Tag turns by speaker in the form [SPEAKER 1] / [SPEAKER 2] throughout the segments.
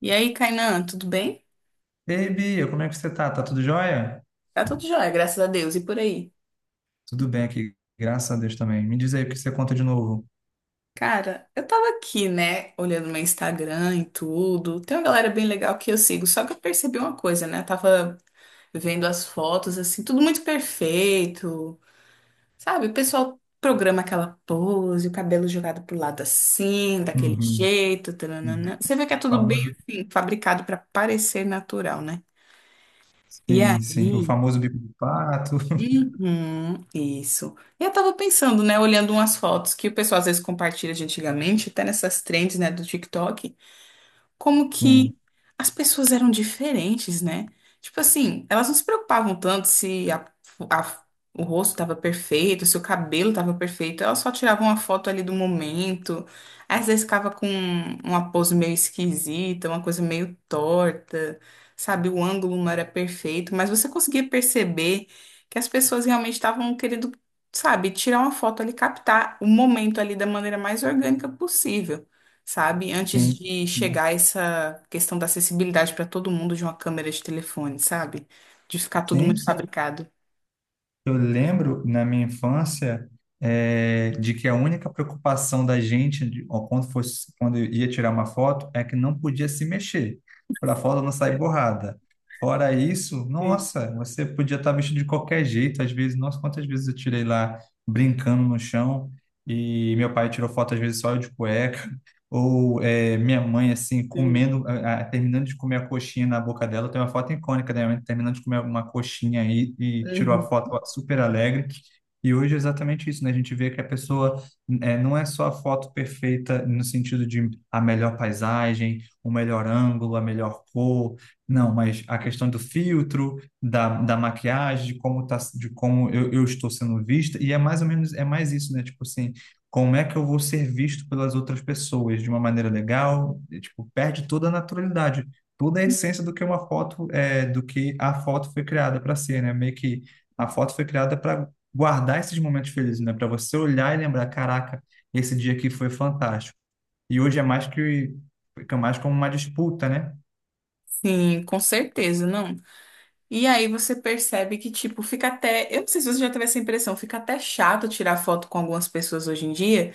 [SPEAKER 1] E aí, Kainan, tudo bem?
[SPEAKER 2] Ei, Bia, como é que você tá? Tá tudo jóia?
[SPEAKER 1] Tá tudo jóia, graças a Deus. E por aí?
[SPEAKER 2] Tudo bem aqui, graças a Deus também. Me diz aí o que você conta de novo.
[SPEAKER 1] Cara, eu tava aqui, né, olhando meu Instagram e tudo. Tem uma galera bem legal que eu sigo, só que eu percebi uma coisa, né? Eu tava vendo as fotos, assim, tudo muito perfeito, sabe? O pessoal programa aquela pose, o cabelo jogado pro lado assim, daquele
[SPEAKER 2] Uhum.
[SPEAKER 1] jeito, tananana. Você vê que é tudo bem,
[SPEAKER 2] Famoso.
[SPEAKER 1] assim, fabricado pra parecer natural, né? E
[SPEAKER 2] Sim, sim. O
[SPEAKER 1] aí.
[SPEAKER 2] famoso bico do pato.
[SPEAKER 1] Uhum, isso. Eu tava pensando, né, olhando umas fotos que o pessoal às vezes compartilha de antigamente, até nessas trends, né, do TikTok, como
[SPEAKER 2] Sim,
[SPEAKER 1] que as pessoas eram diferentes, né? Tipo assim, elas não se preocupavam tanto se a- o rosto estava perfeito, se o cabelo estava perfeito, elas só tiravam uma foto ali do momento. Às vezes ficava com uma pose meio esquisita, uma coisa meio torta, sabe? O ângulo não era perfeito, mas você conseguia perceber que as pessoas realmente estavam querendo, sabe, tirar uma foto ali, captar o momento ali da maneira mais orgânica possível, sabe? Antes
[SPEAKER 2] sim.
[SPEAKER 1] de chegar essa questão da acessibilidade para todo mundo de uma câmera de telefone, sabe? De ficar tudo
[SPEAKER 2] Sim, sim.
[SPEAKER 1] muito
[SPEAKER 2] sim,
[SPEAKER 1] fabricado.
[SPEAKER 2] Eu lembro na minha infância de que a única preocupação da gente de- ó, quando fosse quando eu ia tirar uma foto é que não podia se mexer para a foto não sair borrada. Fora isso,
[SPEAKER 1] Sim,
[SPEAKER 2] nossa, você podia estar vestido de qualquer jeito. Às vezes, nossa, quantas vezes eu tirei lá brincando no chão e meu pai tirou foto às vezes só eu de cueca. Ou é, minha mãe, assim,
[SPEAKER 1] sim.
[SPEAKER 2] comendo, terminando de comer a coxinha na boca dela. Tem uma foto icônica da minha mãe terminando de comer uma coxinha aí e tirou a
[SPEAKER 1] Uhum.
[SPEAKER 2] foto super alegre. E hoje é exatamente isso, né? A gente vê que a pessoa não é só a foto perfeita no sentido de a melhor paisagem, o melhor ângulo, a melhor cor, não, mas a questão do filtro, da maquiagem, de como tá, de como eu estou sendo vista, e é mais ou menos, é mais isso, né? Tipo assim, como é que eu vou ser visto pelas outras pessoas de uma maneira legal, e, tipo, perde toda a naturalidade, toda a essência do que uma foto é, do que a foto foi criada para ser, né? Meio que a foto foi criada para guardar esses momentos felizes, né? Para você olhar e lembrar, caraca, esse dia aqui foi fantástico. E hoje é mais que fica mais como uma disputa, né?
[SPEAKER 1] Sim, com certeza, não. E aí você percebe que, tipo, fica até. Eu não sei se você já teve essa impressão, fica até chato tirar foto com algumas pessoas hoje em dia,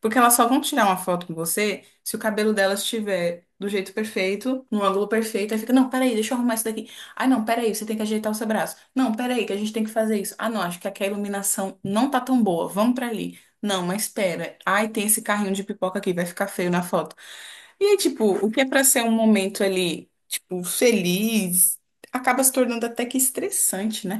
[SPEAKER 1] porque elas só vão tirar uma foto com você se o cabelo delas estiver do jeito perfeito, no ângulo perfeito. Aí fica, não, peraí, deixa eu arrumar isso daqui. Ai, não, peraí, você tem que ajeitar o seu braço. Não, peraí, que a gente tem que fazer isso. Ah, não, acho que aqui a iluminação não tá tão boa. Vamos pra ali. Não, mas espera. Ai, tem esse carrinho de pipoca aqui, vai ficar feio na foto. E aí, tipo, o que é pra ser um momento ali, tipo, feliz, acaba se tornando até que estressante, né?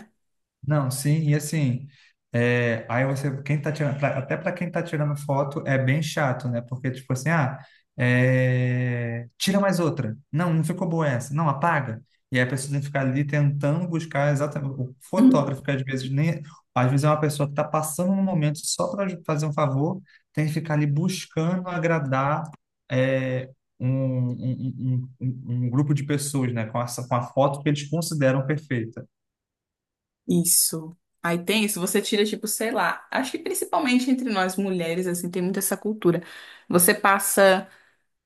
[SPEAKER 2] Não, sim, e assim, é, aí você, quem tá tirando, pra- até para quem tá tirando foto é bem chato, né? Porque, tipo assim, ah, é, tira mais outra. Não, não ficou boa essa. Não, apaga. E aí a pessoa tem que ficar ali tentando buscar exatamente. O fotógrafo, que às vezes nem. Às vezes é uma pessoa que tá passando um momento só para fazer um favor, tem que ficar ali buscando agradar. é, um grupo de pessoas, né, com, essa, com a foto que eles consideram perfeita.
[SPEAKER 1] Isso. Aí tem isso, você tira, tipo, sei lá, acho que principalmente entre nós mulheres, assim, tem muito essa cultura. Você passa,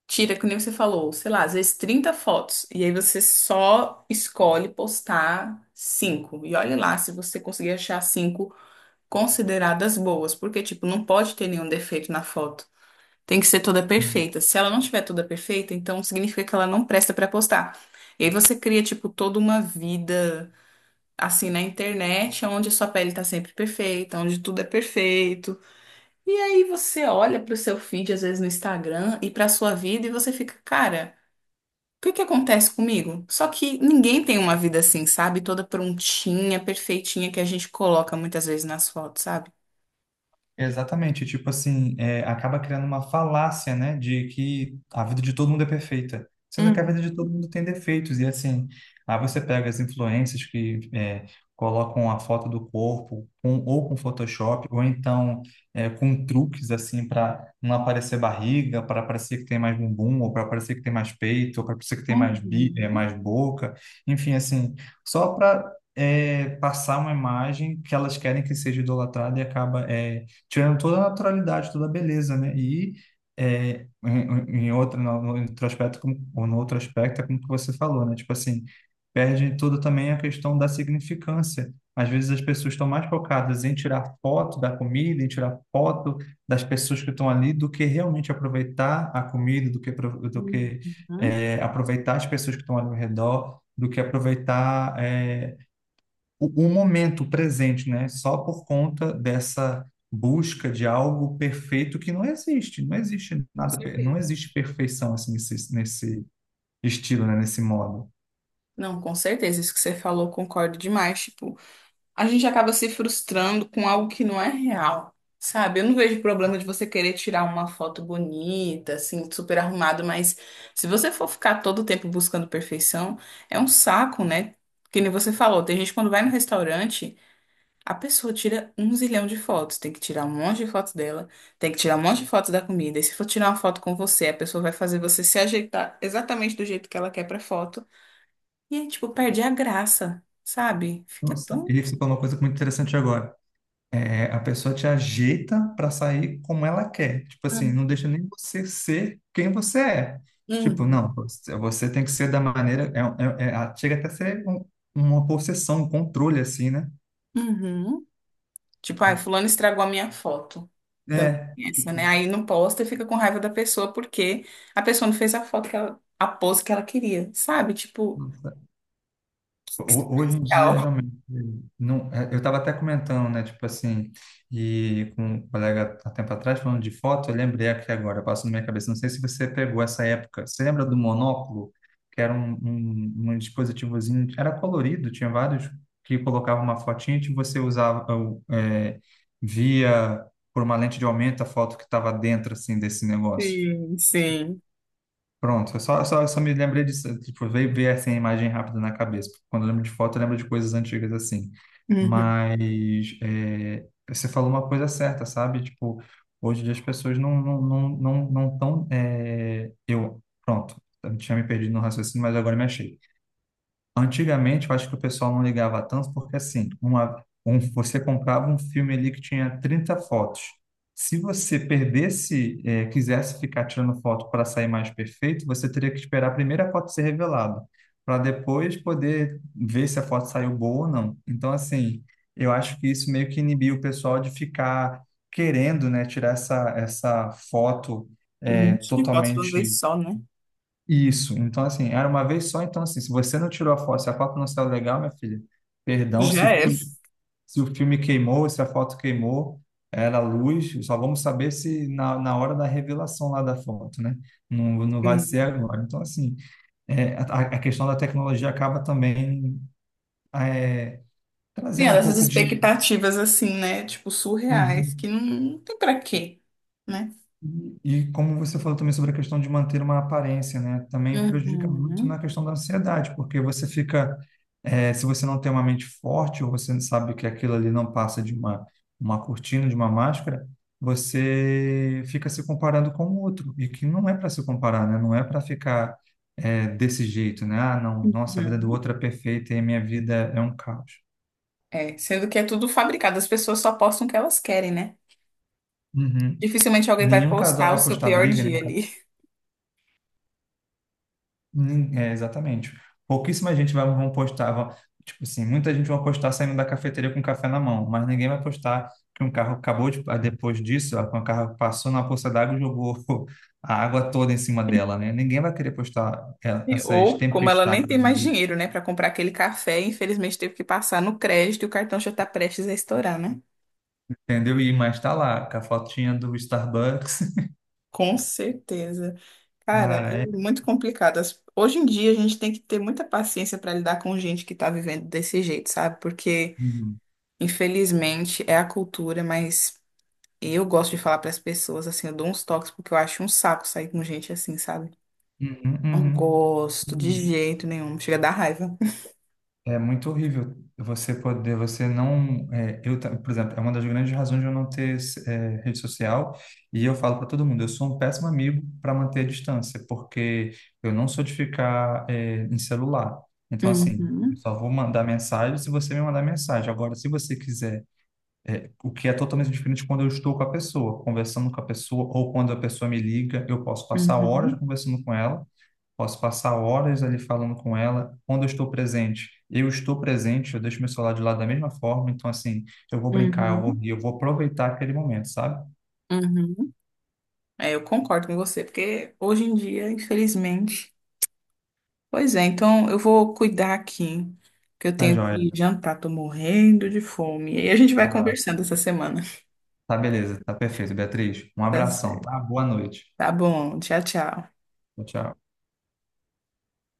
[SPEAKER 1] tira, que nem você falou, sei lá, às vezes 30 fotos, e aí você só escolhe postar cinco. E olha lá se você conseguir achar cinco consideradas boas, porque, tipo, não pode ter nenhum defeito na foto. Tem que ser toda perfeita. Se ela não tiver toda perfeita, então significa que ela não presta pra postar. E aí você cria, tipo, toda uma vida assim na internet, onde sua pele tá sempre perfeita, onde tudo é perfeito. E aí você olha pro seu feed, às vezes no Instagram, e pra sua vida, e você fica, cara, o que que acontece comigo? Só que ninguém tem uma vida assim, sabe? Toda prontinha, perfeitinha, que a gente coloca muitas vezes nas fotos, sabe?
[SPEAKER 2] Exatamente, tipo assim, é, acaba criando uma falácia, né, de que a vida de todo mundo é perfeita, sendo que a
[SPEAKER 1] Uhum.
[SPEAKER 2] vida de todo mundo tem defeitos, e assim, aí você pega as influências que é, colocam a foto do corpo, com, ou com Photoshop, ou então é, com truques, assim, para não aparecer barriga, para parecer que tem mais bumbum, ou para parecer que tem mais peito, ou para parecer que tem mais, bi, é,
[SPEAKER 1] Uhum.
[SPEAKER 2] mais boca, enfim, assim, só para... passar uma imagem que elas querem que seja idolatrada e acaba é, tirando toda a naturalidade, toda a beleza, né? E é, em outro, no outro aspecto, como, ou no outro aspecto, é como que você falou, né? Tipo assim, perde toda também a questão da significância. Às vezes as pessoas estão mais focadas em tirar foto da comida, em tirar foto das pessoas que estão ali, do que realmente aproveitar a comida, do que, apro- do que
[SPEAKER 1] Uhum.
[SPEAKER 2] é, aproveitar as pessoas que estão ali ao redor, do que aproveitar é, o momento presente, né? Só por conta dessa busca de algo perfeito que não existe, não existe
[SPEAKER 1] Com
[SPEAKER 2] nada, per- não
[SPEAKER 1] certeza.
[SPEAKER 2] existe perfeição assim nesse estilo, né? Nesse modo.
[SPEAKER 1] Não, com certeza, isso que você falou, concordo demais, tipo, a gente acaba se frustrando com algo que não é real, sabe? Eu não vejo problema de você querer tirar uma foto bonita, assim, super arrumado, mas se você for ficar todo o tempo buscando perfeição, é um saco, né? Que nem você falou, tem gente que quando vai no restaurante, a pessoa tira um zilhão de fotos, tem que tirar um monte de fotos dela, tem que tirar um monte de fotos da comida. E se for tirar uma foto com você, a pessoa vai fazer você se ajeitar exatamente do jeito que ela quer pra foto. E aí, tipo, perde a graça, sabe? Fica
[SPEAKER 2] Nossa,
[SPEAKER 1] tão.
[SPEAKER 2] e você falou uma coisa muito interessante agora. É, a pessoa te ajeita para sair como ela quer. Tipo assim,
[SPEAKER 1] Hum.
[SPEAKER 2] não deixa nem você ser quem você é. Tipo,
[SPEAKER 1] Uhum.
[SPEAKER 2] não, você tem que ser da maneira. A- chega até a ser um- uma possessão, um controle, assim, né?
[SPEAKER 1] Uhum. Tipo, ai, fulano estragou a minha foto. Também
[SPEAKER 2] É,
[SPEAKER 1] tem essa,
[SPEAKER 2] tipo,
[SPEAKER 1] né? Aí não posta e fica com raiva da pessoa porque a pessoa não fez a foto que ela, a pose que ela queria, sabe? Tipo,
[SPEAKER 2] Hoje em
[SPEAKER 1] tal.
[SPEAKER 2] dia, realmente, não, é, eu estava até comentando, né, tipo assim, e com um colega há tempo atrás, falando de foto, eu lembrei aqui agora, passou na minha cabeça, não sei se você pegou essa época, você lembra do monóculo, que era um dispositivozinho, era colorido, tinha vários, que colocava uma fotinha e você usava, é, via por uma lente de aumento a foto que estava dentro, assim, desse negócio.
[SPEAKER 1] Sim, sim.
[SPEAKER 2] Pronto, eu só me lembrei disso, tipo, veio ver assim a imagem rápida na cabeça. Quando eu lembro de foto, eu lembro de coisas antigas assim.
[SPEAKER 1] Uhum.
[SPEAKER 2] Mas é, você falou uma coisa certa, sabe? Tipo, hoje em dia as pessoas não tão é, eu pronto, eu tinha me perdido no raciocínio, mas agora me achei. Antigamente, eu acho que o pessoal não ligava tanto, porque assim, você comprava um filme ali que tinha 30 fotos. Se você perdesse, quisesse ficar tirando foto para sair mais perfeito, você teria que esperar a primeira foto ser revelada, para depois poder ver se a foto saiu boa ou não. Então, assim, eu acho que isso meio que inibiu o pessoal de ficar querendo, né, tirar essa foto,
[SPEAKER 1] Uhum. E foto de uma
[SPEAKER 2] totalmente
[SPEAKER 1] vez só, né?
[SPEAKER 2] isso, então assim, era uma vez só, então assim, se você não tirou a foto, se a foto não saiu legal, minha filha, perdão, se o,
[SPEAKER 1] Já era.
[SPEAKER 2] fi- se o filme queimou, se a foto queimou, era luz, só vamos saber se na hora da revelação lá da foto, né? Não, não vai ser
[SPEAKER 1] Sim.
[SPEAKER 2] agora. Então assim, é, a questão da tecnologia acaba também é,
[SPEAKER 1] Tem
[SPEAKER 2] trazendo um
[SPEAKER 1] essas
[SPEAKER 2] pouco de...
[SPEAKER 1] expectativas assim, né? Tipo, surreais, que
[SPEAKER 2] Uhum.
[SPEAKER 1] não, não tem pra quê, né?
[SPEAKER 2] E como você falou também sobre a questão de manter uma aparência, né? Também prejudica muito
[SPEAKER 1] Uhum.
[SPEAKER 2] na questão da ansiedade, porque você fica, se você não tem uma mente forte, ou você sabe que aquilo ali não passa de uma cortina, de uma máscara, você fica se comparando com o outro, e que não é para se comparar, né? Não é para ficar, desse jeito, né? Ah, não, nossa, a vida do
[SPEAKER 1] Uhum.
[SPEAKER 2] outro é perfeita e a minha vida é um caos.
[SPEAKER 1] É, sendo que é tudo fabricado, as pessoas só postam o que elas querem, né?
[SPEAKER 2] Uhum.
[SPEAKER 1] Dificilmente alguém vai
[SPEAKER 2] Nenhum casal
[SPEAKER 1] postar o
[SPEAKER 2] vai
[SPEAKER 1] seu
[SPEAKER 2] postar
[SPEAKER 1] pior
[SPEAKER 2] briga, né?
[SPEAKER 1] dia ali.
[SPEAKER 2] É, exatamente. Pouquíssima gente vai, vão postar, vão- tipo assim, muita gente vai postar saindo da cafeteria com café na mão, mas ninguém vai postar que um carro acabou de, ah, depois disso, ó, que um carro passou na poça d'água e jogou a água toda em cima dela, né? Ninguém vai querer postar é, essas
[SPEAKER 1] Ou, como ela nem tem
[SPEAKER 2] tempestades do
[SPEAKER 1] mais
[SPEAKER 2] dia,
[SPEAKER 1] dinheiro, né, para comprar aquele café, infelizmente teve que passar no crédito e o cartão já tá prestes a estourar, né?
[SPEAKER 2] entendeu? E mas tá lá, com a fotinha do Starbucks.
[SPEAKER 1] Com certeza. Cara,
[SPEAKER 2] Cara,
[SPEAKER 1] é
[SPEAKER 2] é.
[SPEAKER 1] muito complicado. As- Hoje em dia a gente tem que ter muita paciência para lidar com gente que tá vivendo desse jeito, sabe? Porque,
[SPEAKER 2] Uhum,
[SPEAKER 1] infelizmente, é a cultura, mas eu gosto de falar para as pessoas assim, eu dou uns toques porque eu acho um saco sair com gente assim, sabe?
[SPEAKER 2] uhum,
[SPEAKER 1] Não
[SPEAKER 2] uhum.
[SPEAKER 1] gosto de
[SPEAKER 2] Uhum.
[SPEAKER 1] jeito nenhum, chega a dar raiva.
[SPEAKER 2] É muito horrível você poder, você não, é, eu, ta- por exemplo, é uma das grandes razões de eu não ter é, rede social, e eu falo para todo mundo, eu sou um péssimo amigo para manter a distância, porque eu não sou de ficar é, em celular. Então, assim, eu
[SPEAKER 1] Uhum,
[SPEAKER 2] só vou mandar mensagem se você me mandar mensagem. Agora, se você quiser, é, o que é totalmente diferente quando eu estou com a pessoa, conversando com a pessoa, ou quando a pessoa me liga, eu posso passar horas
[SPEAKER 1] uhum,
[SPEAKER 2] conversando com ela, Posso passar horas ali falando com ela. Quando eu estou presente, eu estou presente, eu deixo meu celular de lado da mesma forma. Então, assim, eu vou brincar, eu vou
[SPEAKER 1] uhum,
[SPEAKER 2] rir, eu vou aproveitar aquele momento, sabe?
[SPEAKER 1] uhum. É, eu concordo com você, porque hoje em dia, infelizmente. Pois é, então eu vou cuidar aqui, que eu
[SPEAKER 2] Tá
[SPEAKER 1] tenho
[SPEAKER 2] joia.
[SPEAKER 1] que jantar, tô morrendo de fome. E aí a gente vai
[SPEAKER 2] Vai lá.
[SPEAKER 1] conversando essa semana.
[SPEAKER 2] Tá beleza, tá perfeito, Beatriz. Um
[SPEAKER 1] Tá
[SPEAKER 2] abração,
[SPEAKER 1] certo.
[SPEAKER 2] tá? Boa noite.
[SPEAKER 1] Tá bom, tchau, tchau.
[SPEAKER 2] Tchau, tchau.